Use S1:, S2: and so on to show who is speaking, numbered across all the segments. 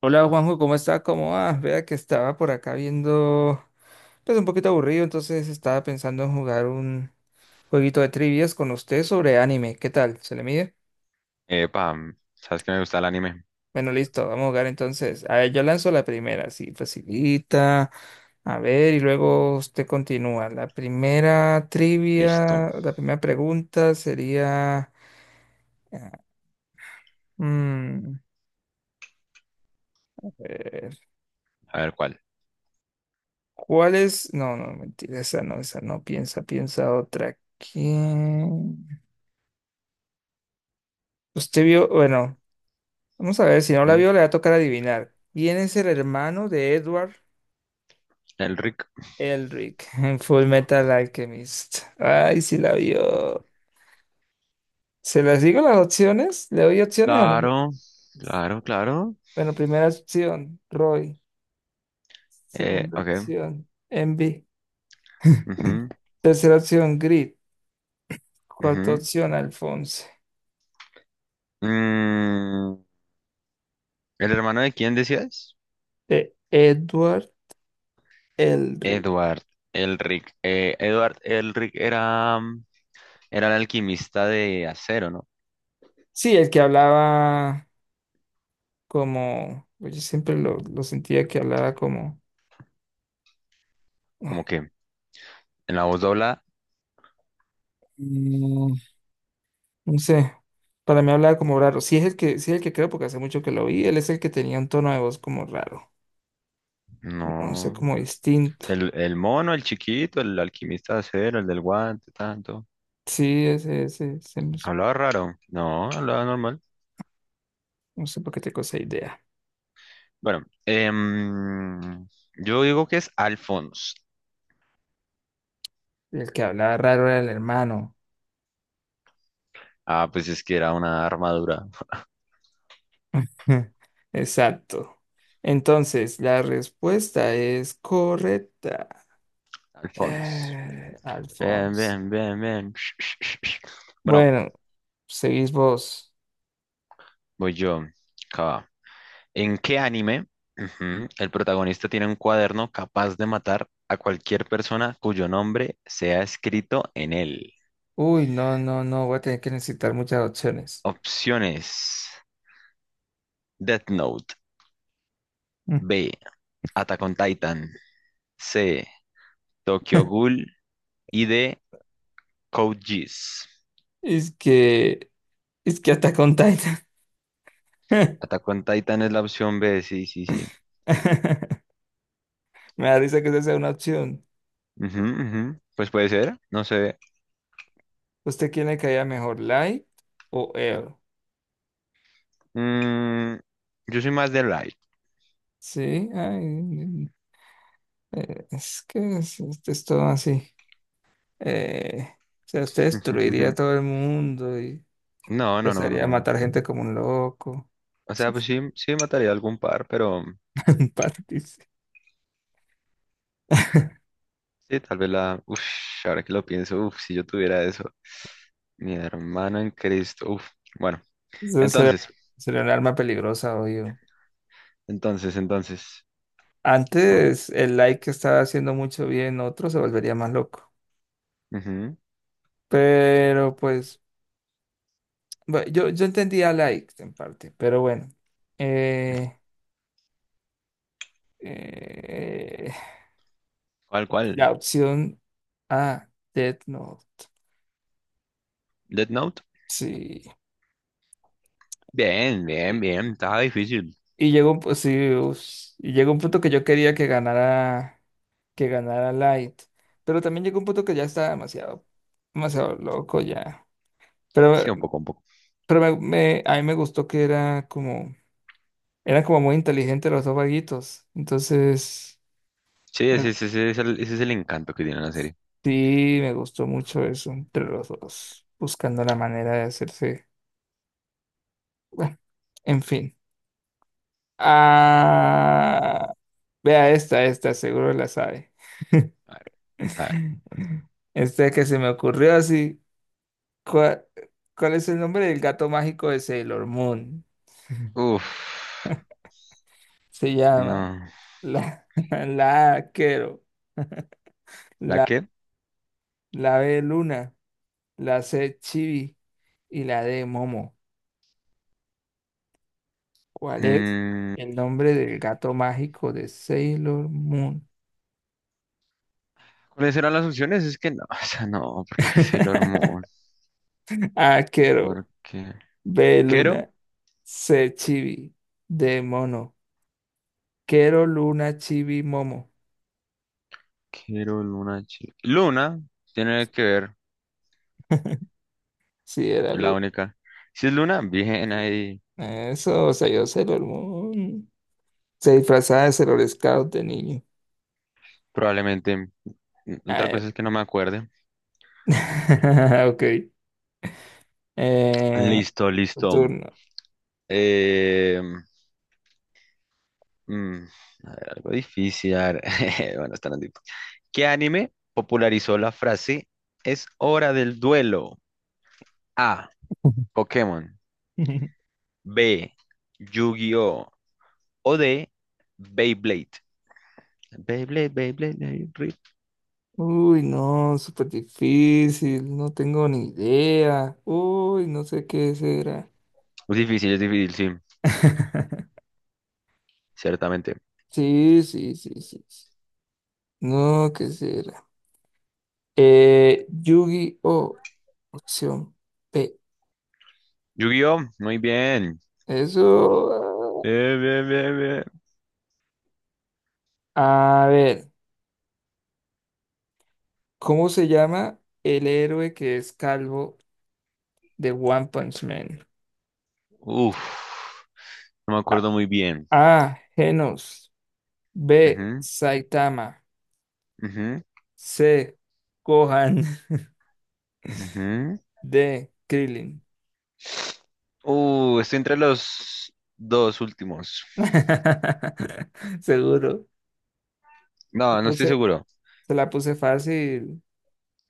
S1: Hola Juanjo, ¿cómo está? ¿Cómo va? Vea que estaba por acá viendo, pues un poquito aburrido, entonces estaba pensando en jugar un jueguito de trivias con usted sobre anime. ¿Qué tal? ¿Se le mide?
S2: Epa, ¿sabes que me gusta el anime?
S1: Bueno, listo, vamos a jugar entonces. A ver, yo lanzo la primera, así facilita. A ver, y luego usted continúa. La primera
S2: Listo,
S1: trivia, la primera pregunta sería... mm, a ver,
S2: a ver cuál.
S1: ¿cuál es? No, no, mentira, esa no, esa no. Piensa, piensa otra. ¿Quién? Usted vio, bueno, vamos a ver, si no la
S2: Ujú,
S1: vio, le va a tocar adivinar. ¿Quién es el hermano de Edward
S2: El Rick.
S1: Elric en Full Metal Alchemist? Ay, si la vio. ¿Se las digo las opciones? ¿Le doy opciones o no?
S2: Claro, claro, claro.
S1: Bueno, primera opción, Roy. Segunda
S2: Ok.
S1: opción, Envy.
S2: Ujú,
S1: Tercera opción, Grit. Cuarta
S2: ujú.
S1: opción, Alphonse.
S2: Mm, ¿El hermano de quién decías?
S1: De Edward Elric.
S2: Edward, el Rick. Edward, el Rick era el alquimista de acero, ¿no?
S1: Sí, el que hablaba como. Pues yo siempre lo sentía que hablaba como.
S2: Como que en la voz dobla,
S1: Mm, No sé, para mí hablaba como raro. Sí es el que, sí es el que creo porque hace mucho que lo vi. Él es el que tenía un tono de voz como raro, como, no sé,
S2: no.
S1: como distinto.
S2: El mono, el chiquito, el alquimista de acero, el del guante, tanto.
S1: Sí, ese,
S2: Hablaba raro. No, hablaba normal.
S1: no sé por qué tengo esa idea.
S2: Bueno, yo digo que es Alphonse.
S1: El que hablaba raro era el hermano.
S2: Ah, pues es que era una armadura.
S1: Exacto. Entonces, la respuesta es correcta.
S2: Alphonse. Bien,
S1: Alphonse.
S2: bien, bien, bien. Sh- sh- sh- sh. Bueno,
S1: Bueno, seguís vos.
S2: voy yo. Acá va. ¿En qué anime, ujú, el protagonista tiene un cuaderno capaz de matar a cualquier persona cuyo nombre sea escrito en él?
S1: Uy, no, no, no, voy a tener que necesitar muchas opciones.
S2: Opciones: Death Note, B, Attack on Titan, C. Tokyo Ghoul y de Code Geass.
S1: Es que Es que hasta con Titan.
S2: Attack on Titan es la opción B, sí, sí, sí.
S1: Me da risa que esa sea una opción.
S2: Ujú, ujú. Pues puede ser, no sé.
S1: ¿Usted quién le caía mejor, Light o Air?
S2: Mm, yo soy más de Light.
S1: Sí, ay, esto es todo así. Eh, o sea, usted destruiría a todo el mundo y
S2: No, no, no, no,
S1: empezaría a
S2: no.
S1: matar gente como un loco.
S2: O sea, pues sí, sí mataría algún par, pero
S1: Partirse.
S2: sí, tal vez la. Uf, ahora que lo pienso, uf, si yo tuviera eso. Mi hermano en Cristo. Uf, bueno.
S1: Eso sería,
S2: Entonces,
S1: sería un arma peligrosa, obvio.
S2: entonces. Oh,
S1: Antes el like que estaba haciendo mucho bien, otro se volvería más loco.
S2: ujú.
S1: Pero pues Bueno, yo entendía like en parte, pero bueno. Eh, eh,
S2: ¿Cuál, cuál?
S1: la opción A, Death Note.
S2: ¿Death Note?
S1: Sí.
S2: Bien, bien,
S1: Y,
S2: bien. Estaba difícil.
S1: y llegó un, pu- sí, us- y llegó un punto que yo quería que ganara Light. Pero también llegó un punto que ya estaba demasiado, demasiado loco ya.
S2: Sí,
S1: Pero,
S2: un poco, un poco.
S1: pero a mí me gustó que era como, eran como muy inteligentes los dos vaguitos.
S2: Sí,
S1: Me,
S2: ese es el encanto que tiene la serie.
S1: Sí, me gustó mucho eso entre los dos, buscando la manera de hacerse. Bueno, en fin. Ah, vea esta, esta, seguro la sabe.
S2: A ver, a ver.
S1: Esta que se me ocurrió así. ¿Cuál, cuál es el nombre del gato mágico de Sailor Moon?
S2: Uf,
S1: Se llama
S2: no.
S1: la, la A, Quero,
S2: ¿La
S1: la,
S2: qué?
S1: la B Luna, la C Chibi y la D Momo. ¿Cuál es
S2: Mm,
S1: el nombre del gato mágico de Sailor Moon?
S2: ¿Cuáles eran las opciones? Es que no, o sea, no, porque es el hormón.
S1: Aquero,
S2: Porque.
S1: B
S2: ¿Quiero?
S1: luna, C chibi, D mono, Quero luna chibi momo.
S2: Quiero Luna. Luna tiene que ver,
S1: Sí, era
S2: es la
S1: luna.
S2: única. Si es Luna, bien ahí.
S1: Eso, o sea, yo Sailor Moon. Se disfrazaba de Sailor Scout de niño.
S2: Probablemente.
S1: A
S2: Otra cosa
S1: ver.
S2: es que no me acuerde.
S1: Ok. Eh,
S2: Listo,
S1: tu
S2: listo.
S1: turno.
S2: Eh, Mm, a ver, algo difícil. A ver, bueno, está difícil. ¿Qué anime popularizó la frase es hora del duelo? A. Pokémon. B. Yu-Gi-Oh! O D. Beyblade. Beyblade, Beyblade, Beyblade.
S1: Uy, no, súper difícil. No tengo ni idea. Uy, no sé qué será.
S2: Es difícil, sí, ciertamente.
S1: Sí, sí, sí, sí. No, ¿qué será? Yu-Gi-Oh! Opción P.
S2: Yu-Gi-Oh! Muy bien.
S1: Eso.
S2: Bien, bien, bien, bien.
S1: Ah, a ver, ¿cómo se llama el héroe que es calvo de One Punch Man?
S2: Uf, no me
S1: A.
S2: acuerdo muy bien.
S1: A, Genos. B.
S2: Ujú,
S1: Saitama.
S2: ujú,
S1: C. Gohan.
S2: ujú.
S1: D. Krillin.
S2: Estoy entre los dos últimos.
S1: Seguro. La
S2: No, no estoy
S1: puse-
S2: seguro.
S1: Se la puse fácil.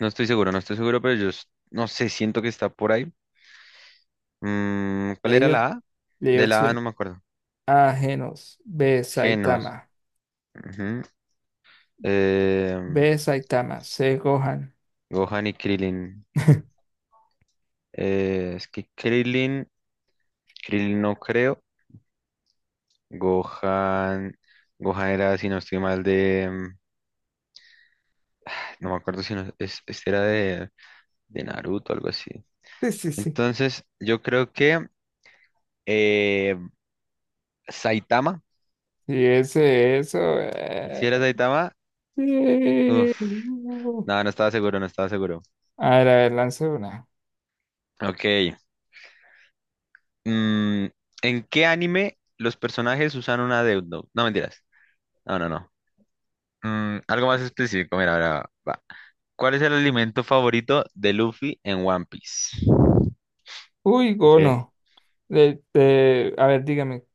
S2: No estoy seguro, no estoy seguro, pero no sé, siento que está por ahí. ¿Cuál
S1: Le
S2: era
S1: di, op-
S2: la A?
S1: Le di
S2: De la A no
S1: opción
S2: me acuerdo.
S1: A. Genos. B.
S2: Genos.
S1: Saitama.
S2: Ujú.
S1: B.
S2: Eh,
S1: Saitama. C. Gohan.
S2: Gohan y Krillin. Es que Krillin no creo. Gohan, Gohan era, si no estoy mal, de, no me acuerdo si no, es, este era de Naruto, algo así.
S1: Sí, sí, sí.
S2: Entonces, yo creo que eh, Saitama,
S1: Y ese, eso.
S2: si era Saitama,
S1: Eh,
S2: uff,
S1: uh.
S2: no, no estaba seguro, no estaba seguro.
S1: A ver, lance una.
S2: Ok. Mm, ¿En qué anime los personajes usan una deudno? No, mentiras. No, no, no. Algo más específico. Mira, ahora va. ¿Cuál es el alimento favorito de Luffy en One Piece?
S1: Uy,
S2: Ok.
S1: Gono. A ver, dígame.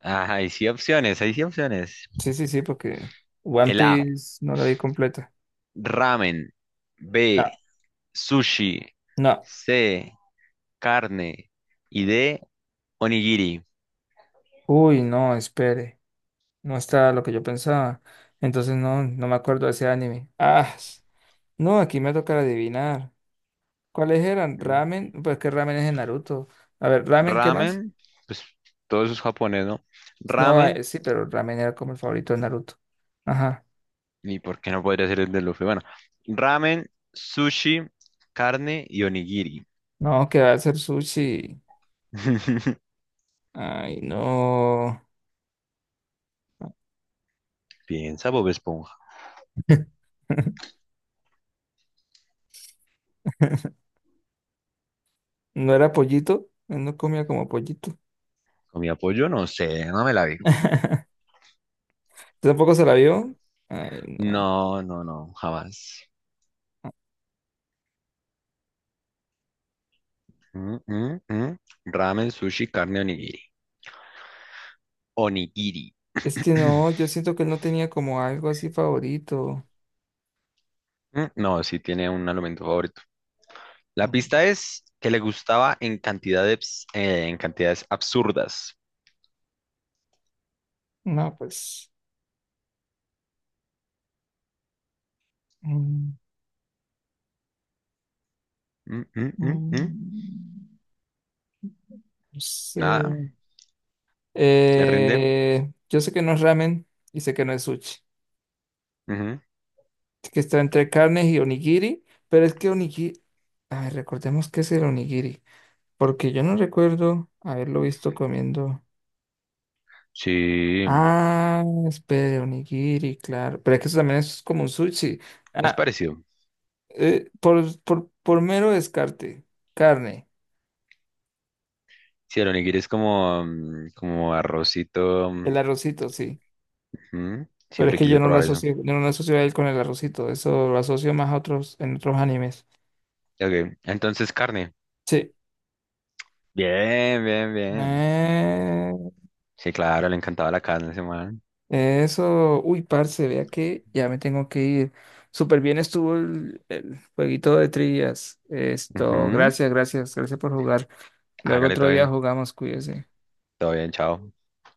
S2: Ajá, hay sí opciones, hay sí opciones.
S1: Sí, sí, sí, porque One
S2: El A,
S1: Piece no la vi completa.
S2: ramen. B,
S1: No,
S2: sushi.
S1: no.
S2: C, carne. Y D, onigiri.
S1: Uy, no, espere. No está lo que yo pensaba. Entonces no, no me acuerdo de ese anime. No, aquí me toca adivinar. ¿Cuáles eran?
S2: Mm.
S1: Ramen, pues que ramen es en Naruto. A ver, ramen, ¿qué más?
S2: Ramen, pues todo eso es japonés, ¿no?
S1: No,
S2: Ramen.
S1: sí, pero ramen era como el favorito de Naruto. Ajá.
S2: ¿Y por qué no podría ser el de Luffy? Bueno, ramen, sushi, carne y onigiri.
S1: No, que va a ser sushi. Ay, no.
S2: Piensa, Bob Esponja.
S1: No era pollito. Él no comía como pollito.
S2: Con mi apoyo, no sé, no me la vi.
S1: ¿Tampoco se la vio? Ay, no.
S2: No, no, no, jamás. Mm, mm, mm. Ramen, sushi, carne, onigiri. Onigiri.
S1: Es que no, yo siento que él no tenía como algo así favorito.
S2: No, sí tiene un alimento favorito. La
S1: Mm,
S2: pista es que le gustaba en cantidades absurdas.
S1: No, pues. mm,
S2: Mm, mm, mm, mm.
S1: mm, No sé.
S2: Nada, se rinde.
S1: Yo sé que no es ramen y sé que no es sushi.
S2: Ujú.
S1: Que está entre carnes y onigiri, pero es que onigiri, a ver, recordemos qué es el onigiri, porque yo no recuerdo haberlo visto comiendo.
S2: Sí,
S1: Ah, espere, onigiri, claro, pero es que eso también es como un sushi.
S2: es
S1: Ah,
S2: parecido.
S1: por mero descarte, carne,
S2: Sí, el onigiri es como, como arrocito. Mm,
S1: el arrocito, sí,
S2: ujú.
S1: pero es
S2: Siempre
S1: que yo
S2: quise
S1: no lo
S2: probar eso.
S1: asocio, yo no lo asocio a él con el arrocito, eso lo asocio más a otros, en otros animes.
S2: Ok, entonces carne.
S1: Sí.
S2: Bien, bien, bien.
S1: Eh,
S2: Sí, claro, le encantaba la carne a ese man.
S1: eso, uy, parce, vea que ya me tengo que ir. Súper bien estuvo el jueguito de trillas. Esto,
S2: Ujú.
S1: gracias, gracias, gracias por jugar. Luego
S2: Hágale
S1: otro
S2: todo
S1: día
S2: bien.
S1: jugamos, cuídese.
S2: Todo bien, chao.